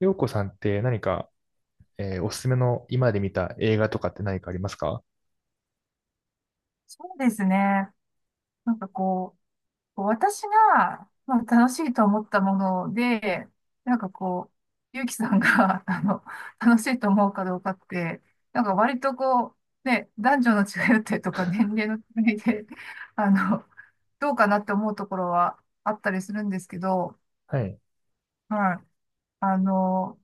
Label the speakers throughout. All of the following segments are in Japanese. Speaker 1: ようこさんって何か、おすすめの今まで見た映画とかって何かありますか？
Speaker 2: そうですね。なんかこう、私が、まあ、楽しいと思ったもので、なんかこゆうきさんが、楽しいと思うかどうかって、なんか割とね、男女の違いだったりとか、年齢の違いで、あの、どうかなって思うところはあったりするんですけど、
Speaker 1: はい。
Speaker 2: はい。あの、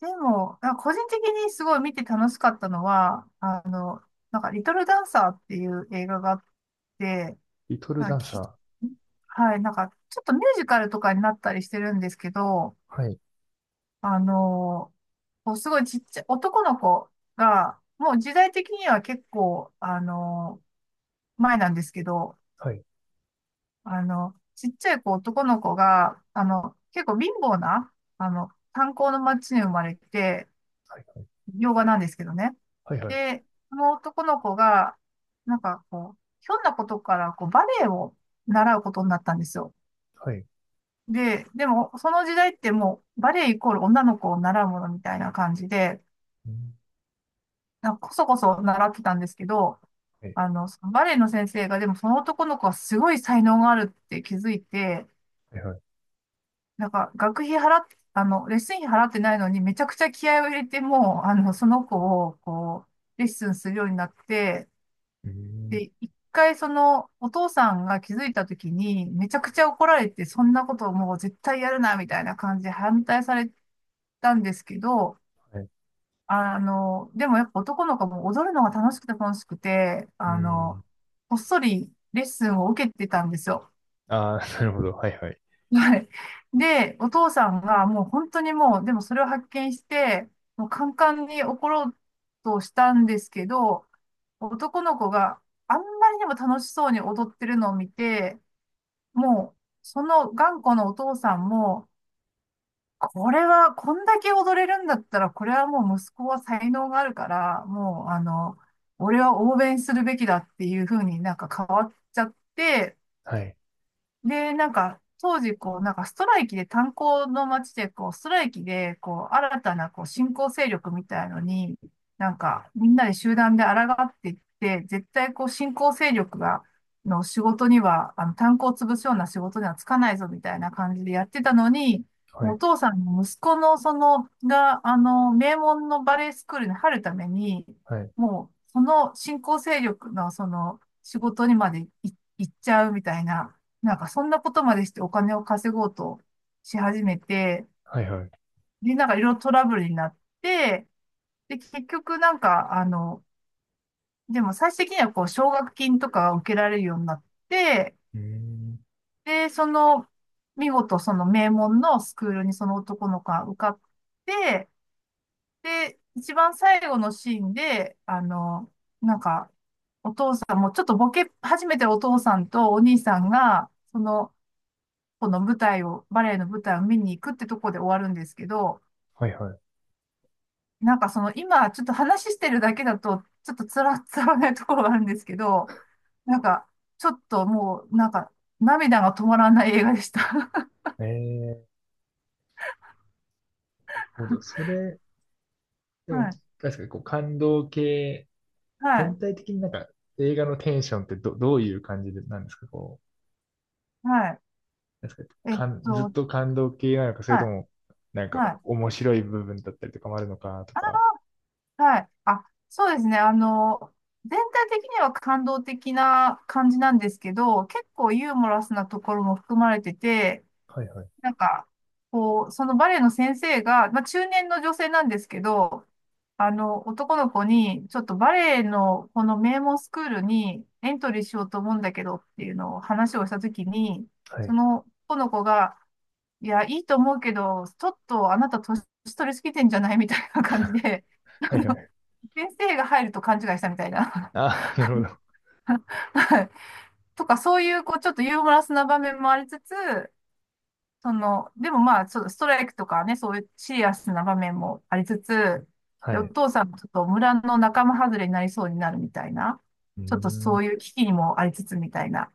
Speaker 2: でも、なんか個人的にすごい見て楽しかったのは、なんか、リトルダンサーっていう映画があって、
Speaker 1: リトル
Speaker 2: まあ、
Speaker 1: ダン
Speaker 2: き、
Speaker 1: サー。
Speaker 2: はい、なんか、ちょっとミュージカルとかになったりしてるんですけど、
Speaker 1: はい。
Speaker 2: あのこうすごいちっちゃい男の子が、もう時代的には結構、前なんですけど、
Speaker 1: はい。
Speaker 2: あの、ちっちゃい子、男の子が、あの、結構貧乏な、炭鉱の町に生まれて、
Speaker 1: はい。は
Speaker 2: 洋画なんですけどね。
Speaker 1: い。はい。
Speaker 2: で、その男の子が、ひょんなことから、バレエを習うことになったんですよ。
Speaker 1: はい。はい。
Speaker 2: でも、その時代ってもう、バレエイコール女の子を習うものみたいな感じで、
Speaker 1: うん。
Speaker 2: なんかこそこそ習ってたんですけど、
Speaker 1: はい。
Speaker 2: そのバレエの先生が、でもその男の子はすごい才能があるって気づいて、
Speaker 1: はい。はい。
Speaker 2: なんか学費払って、レッスン費払ってないのに、めちゃくちゃ気合を入れて、もう、あの、その子を、レッスンするようになって、
Speaker 1: うーん。
Speaker 2: で、一回その、お父さんが気づいた時に、めちゃくちゃ怒られて、そんなことをもう絶対やるな、みたいな感じで反対されてたんですけど、
Speaker 1: はい。
Speaker 2: でもやっぱ男の子も踊るのが楽しくて楽しくて、
Speaker 1: うーん。
Speaker 2: こっそりレッスンを受けてたんですよ。
Speaker 1: ああ、なるほど。はい。はい。
Speaker 2: はい。で、お父さんがもう本当にもう、でもそれを発見して、もうカンカンに怒ろうとしたんですけど、男の子があんまりにも楽しそうに踊ってるのを見て、もう、その頑固なお父さんも、これは、こんだけ踊れるんだったら、これはもう息子は才能があるから、もう、あの、俺は応援するべきだっていうふうになんか変わっちゃって、
Speaker 1: はい。
Speaker 2: で、なんか、当時、なんかストライキで、炭鉱の町で、ストライキで、新たな、新興勢力みたいのに、なんか、みんなで集団で抗っていって、絶対、新興勢力が、の仕事には、炭鉱を潰すような仕事にはつかないぞ、みたいな感じでやってたのに、
Speaker 1: は
Speaker 2: もうお
Speaker 1: い。
Speaker 2: 父さんの息子の、その、が、名門のバレエスクールに入るために、
Speaker 1: はい。
Speaker 2: もう、その新興勢力の、その、仕事にまで行っちゃうみたいな、なんかそんなことまでしてお金を稼ごうとし始めて、
Speaker 1: はい。はい。
Speaker 2: で、なんかいろいろトラブルになって、で、結局、でも最終的にはこう、奨学金とかが受けられるようになって、
Speaker 1: うん。
Speaker 2: で、その、見事その名門のスクールにその男の子が受かって、で、一番最後のシーンで、なんか、お父さんもちょっとボケ始めてるお父さんとお兄さんが、その、この舞台を、バレエの舞台を見に行くってとこで終わるんですけど、
Speaker 1: はい。は
Speaker 2: なんかその今ちょっと話してるだけだと、ちょっとつらつらないところがあるんですけど、なんかちょっともうなんか涙が止まらない映画でした。
Speaker 1: い。なるほど。それ、で
Speaker 2: は
Speaker 1: も、
Speaker 2: い、
Speaker 1: 確かにこう感動系、
Speaker 2: は
Speaker 1: 全
Speaker 2: い、
Speaker 1: 体的になんか映画のテンションってどういう感じでなんですか、こう、
Speaker 2: はい。
Speaker 1: なんですか、
Speaker 2: えっ
Speaker 1: ずっ
Speaker 2: と、
Speaker 1: と感動系なのか、それ
Speaker 2: は
Speaker 1: とも、
Speaker 2: い、
Speaker 1: なんか
Speaker 2: はい。
Speaker 1: 面白い部分だったりとかもあるのかとか。
Speaker 2: はい。あ、そうですね。全体的には感動的な感じなんですけど、結構ユーモラスなところも含まれてて、
Speaker 1: はいはい。
Speaker 2: なんか、そのバレエの先生が、まあ、中年の女性なんですけど、男の子に、ちょっとバレエのこの名門スクールにエントリーしようと思うんだけどっていうのを話をしたときに、
Speaker 1: は
Speaker 2: そ
Speaker 1: い。
Speaker 2: の男の子が、いや、いいと思うけど、ちょっとあなた年取りすぎてんじゃないみたいな感じで、あ
Speaker 1: はいは
Speaker 2: の、
Speaker 1: い。
Speaker 2: 先生が入ると勘違いしたみたいな。
Speaker 1: ああ、なるほど。
Speaker 2: はいとか、そういう、ちょっとユーモラスな場面もありつつ、その、でもまあ、ちょっとストライクとかね、そういうシリアスな場面もありつつ、
Speaker 1: は
Speaker 2: で、お
Speaker 1: い。
Speaker 2: 父さんもちょっと村の仲間外れになりそうになるみたいな、
Speaker 1: うー
Speaker 2: ちょっと
Speaker 1: ん。
Speaker 2: そういう危機にもありつつみたいな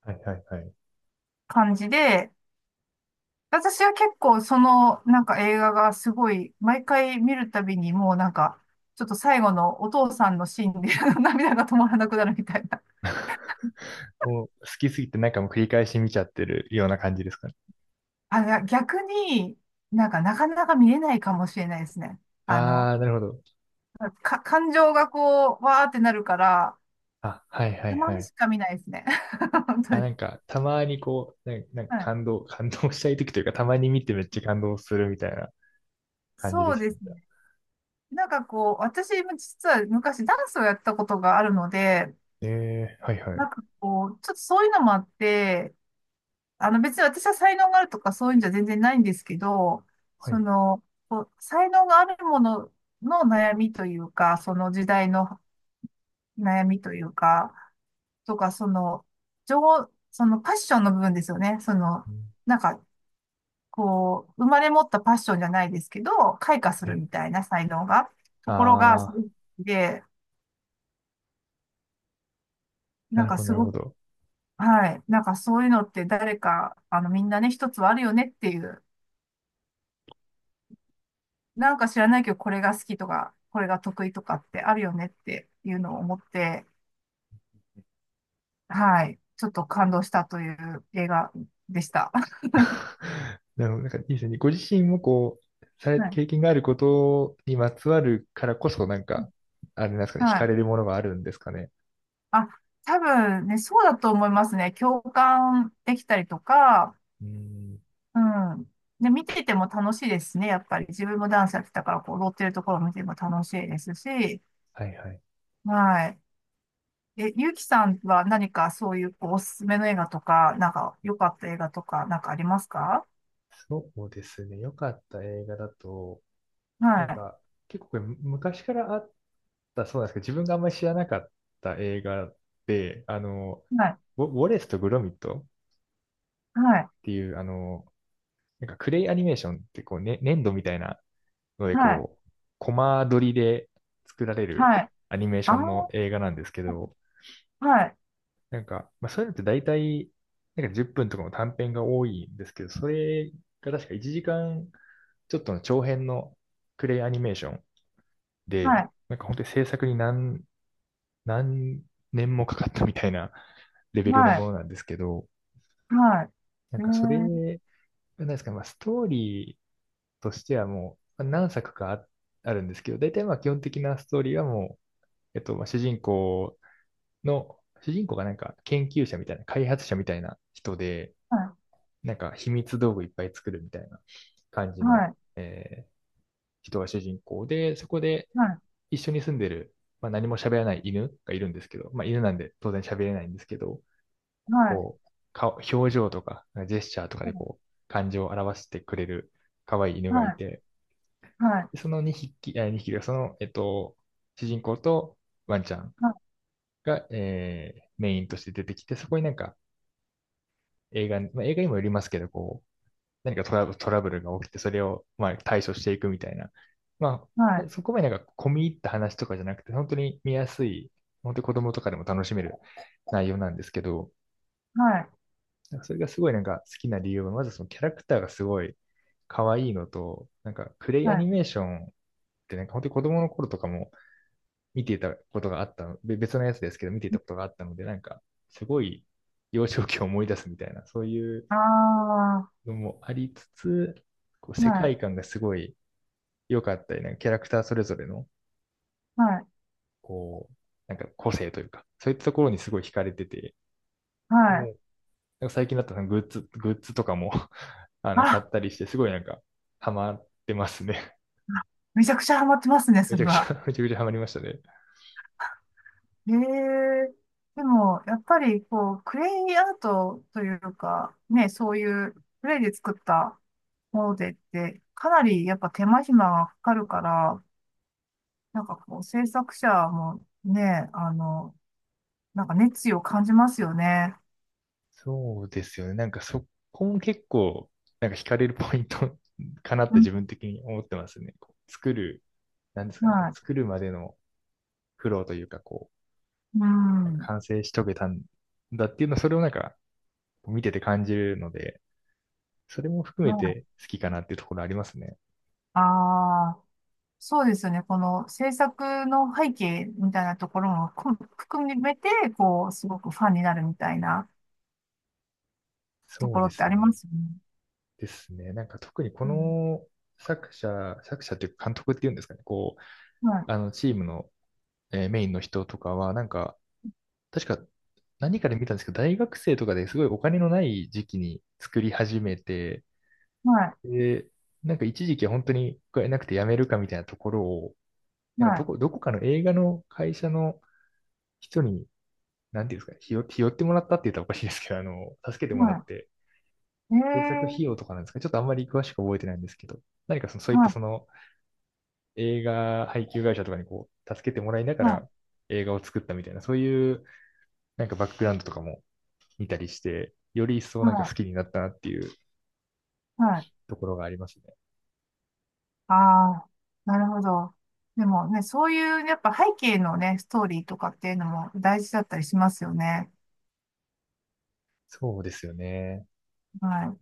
Speaker 1: はいはいはい。
Speaker 2: 感じで、私は結構そのなんか映画がすごい、毎回見るたびにもうなんか、ちょっと最後のお父さんのシーンで 涙が止まらなくなるみたいな。
Speaker 1: お好きすぎてなんかもう繰り返し見ちゃってるような感じですかね？
Speaker 2: あ、いや逆になんかなかなか見れないかもしれないですね。あ
Speaker 1: あ
Speaker 2: の、
Speaker 1: あ、なるほど。
Speaker 2: 感情がこう、わーってなるから、
Speaker 1: あ、はいはい
Speaker 2: たま
Speaker 1: は
Speaker 2: に
Speaker 1: い。
Speaker 2: しか見ないですね。本当
Speaker 1: あ、な
Speaker 2: に。
Speaker 1: んか、たまにこう、なんか
Speaker 2: はい。
Speaker 1: 感動したい時というか、たまに見てめっちゃ感動するみたいな感じで
Speaker 2: そう
Speaker 1: す
Speaker 2: です
Speaker 1: ね。
Speaker 2: ね。私も実は昔ダンスをやったことがあるので、
Speaker 1: ええ、はいはい。
Speaker 2: ちょっとそういうのもあって、あの別に私は才能があるとかそういうんじゃ全然ないんですけど、
Speaker 1: は
Speaker 2: そ
Speaker 1: い。
Speaker 2: の、こう才能があるものの悩みというか、その時代の悩みというか、とか、その、情、そのパッションの部分ですよね。
Speaker 1: うん、
Speaker 2: なんか、生まれ持ったパッションじゃないですけど、開花す
Speaker 1: は
Speaker 2: る
Speaker 1: い。
Speaker 2: みたいな才能が、ところが、す
Speaker 1: ああ、
Speaker 2: ごくで、な
Speaker 1: な
Speaker 2: ん
Speaker 1: る
Speaker 2: か
Speaker 1: ほど、
Speaker 2: す
Speaker 1: なる
Speaker 2: ご
Speaker 1: ほ
Speaker 2: く、
Speaker 1: ど。
Speaker 2: はい、なんかそういうのって誰か、みんなね、一つはあるよねっていう、なんか知らないけど、これが好きとか、これが得意とかってあるよねっていうのを思って、はい、ちょっと感動したという映画でした。
Speaker 1: なるほど。なんかいいですね。ご自身もこう、
Speaker 2: はい。
Speaker 1: 経験があることにまつわるからこそ、なんか、あれなんですかね、惹
Speaker 2: は
Speaker 1: か
Speaker 2: い。
Speaker 1: れるものがあるんですかね？
Speaker 2: あ、多分ね、そうだと思いますね。共感できたりとか、
Speaker 1: うん。
Speaker 2: うん。で、見てても楽しいですね。やっぱり自分もダンスやってたから、こう、踊ってるところを見ても楽しいですし、
Speaker 1: はいはい。
Speaker 2: はい。え、ゆうきさんは何かそういう、こう、おすすめの映画とか、なんか、良かった映画とか、なんかありますか？
Speaker 1: そうですね。良かった映画だと、なん
Speaker 2: は
Speaker 1: か、結構これ昔からあったそうなんですけど、自分があんまり知らなかった映画で、
Speaker 2: い。はい。
Speaker 1: ウォレスとグロミットっ
Speaker 2: はい。
Speaker 1: ていう、なんかクレイアニメーションってこう、ね、粘土みたいなので、
Speaker 2: はい。
Speaker 1: こう、コマ撮りで作られる
Speaker 2: はい。
Speaker 1: アニメーシ
Speaker 2: あ
Speaker 1: ョ
Speaker 2: ー、
Speaker 1: ンの映画なんですけど、
Speaker 2: はい。
Speaker 1: なんか、まあ、そういうのって大体、なんか10分とかの短編が多いんですけど、それが確か1時間ちょっとの長編のクレイアニメーション
Speaker 2: は
Speaker 1: で、
Speaker 2: い。
Speaker 1: なんか本当に制作に何年もかかったみたいな レベルの
Speaker 2: は
Speaker 1: も
Speaker 2: い。
Speaker 1: のなんですけど、
Speaker 2: はい。
Speaker 1: な
Speaker 2: え
Speaker 1: んかそれ、
Speaker 2: ー、
Speaker 1: なんですか、まあ、ストーリーとしてはもうまあ何作かあるんですけど、大体まあ基本的なストーリーはもうまあ、主人公がなんか研究者みたいな、開発者みたいな人で、
Speaker 2: は
Speaker 1: なんか秘密道具いっぱい作るみたいな感じ
Speaker 2: い。
Speaker 1: の、
Speaker 2: はい。
Speaker 1: えー人が主人公で、そこで
Speaker 2: はい。
Speaker 1: 一緒に住んでる、まあ、何も喋らない犬がいるんですけど、まあ、犬なんで当然喋れないんですけど、
Speaker 2: はい。
Speaker 1: こう、顔、表情とか、ジェスチャーとかでこう、感情を表してくれる可愛い犬が
Speaker 2: は
Speaker 1: い
Speaker 2: い。
Speaker 1: て、
Speaker 2: はい。
Speaker 1: その2匹、2匹がその、主人公とワンちゃんが、メインとして出てきて、そこになんか映画、まあ、映画にもよりますけど、こう、何かトラブルが起きて、それを、まあ、対処していくみたいな。ま
Speaker 2: は
Speaker 1: あ、で
Speaker 2: い。
Speaker 1: そこまでなんか込み入った話とかじゃなくて、本当に見やすい、本当に子供とかでも楽しめる内容なんですけど、
Speaker 2: はい。はい。
Speaker 1: なんかそれがすごいなんか好きな理由は、まずそのキャラクターがすごい可愛いのと、なんかクレイ
Speaker 2: は
Speaker 1: アニ
Speaker 2: い。
Speaker 1: メーションってなんか本当に子供の頃とかも見ていたことがあったの、別のやつですけど、見ていたことがあったので、なんか、すごい幼少期を思い出すみたいな、そういう
Speaker 2: ああ
Speaker 1: のもありつつ、こう世
Speaker 2: はい。
Speaker 1: 界観がすごい良かったり、なんかキャラクターそれぞれの、
Speaker 2: はい。
Speaker 1: こう、なんか個性というか、そういったところにすごい惹かれてて、
Speaker 2: はい。
Speaker 1: もう、なんか最近だったらグッズとかも あの、買っ
Speaker 2: あ
Speaker 1: たりして、すごいなんか、ハマってますね。
Speaker 2: めちゃくちゃハマってますね、
Speaker 1: め
Speaker 2: そ
Speaker 1: ち
Speaker 2: れ
Speaker 1: ゃくち
Speaker 2: は。
Speaker 1: ゃ、めちゃくちゃハマりましたね。
Speaker 2: へえ。でも、やっぱり、こう、クレイアートというか、ね、そういうクレイで作ったものでって、かなりやっぱ手間暇がかかるから、制作者もね、なんか熱意を感じますよね。
Speaker 1: そうですよね。なんかそこも結構、なんか惹かれるポイント かなっ
Speaker 2: う
Speaker 1: て
Speaker 2: ん、
Speaker 1: 自分的に思ってますね。こう作る、なんですかね、こ
Speaker 2: は
Speaker 1: う
Speaker 2: い。
Speaker 1: 作るまでの苦労というか、こ
Speaker 2: う
Speaker 1: う、なんか
Speaker 2: ん。
Speaker 1: 完成し遂げたんだっていうの、それをなんか見てて感じるので、それも含
Speaker 2: は
Speaker 1: め
Speaker 2: い。
Speaker 1: て好きかなっていうところありますね。
Speaker 2: ああ、そうですよね。この制作の背景みたいなところもこ含めて、こう、すごくファンになるみたいな。と
Speaker 1: そう
Speaker 2: ころ
Speaker 1: で
Speaker 2: って
Speaker 1: す
Speaker 2: あり
Speaker 1: ね。
Speaker 2: ますよね。
Speaker 1: ですね。なんか特にこ
Speaker 2: うん、
Speaker 1: の作者、作者っていうか監督っていうんですかね、こう、あ
Speaker 2: は
Speaker 1: のチームの、メインの人とかは、なんか、確か何かで見たんですけど、大学生とかですごいお金のない時期に作り始めて、
Speaker 2: い、はい、
Speaker 1: で、なんか一時期は本当にお金なくて辞めるかみたいなところを、な
Speaker 2: は
Speaker 1: んか
Speaker 2: い、
Speaker 1: どこかの映画の会社の人に、なんていうんですか、ひよってもらったって言ったらおかしいですけど、あの、助けてもらっ
Speaker 2: は
Speaker 1: て、
Speaker 2: い。
Speaker 1: 制作費用
Speaker 2: ええ
Speaker 1: とかなんですか、ちょっとあんまり詳しく覚えてないんですけど、何かその、そういっ
Speaker 2: は
Speaker 1: た
Speaker 2: い、
Speaker 1: その映画配給会社とかにこう、助けてもらいながら
Speaker 2: は
Speaker 1: 映画を作ったみたいな、そういうなんかバックグラウンドとかも見たりして、より一
Speaker 2: い、
Speaker 1: 層なんか好
Speaker 2: は
Speaker 1: きになったなっていう
Speaker 2: い、はい。
Speaker 1: ところがありますね。
Speaker 2: ああ、なるほど。でもね、そういう、やっぱ背景のね、ストーリーとかっていうのも大事だったりしますよね。
Speaker 1: そうですよね。
Speaker 2: はい。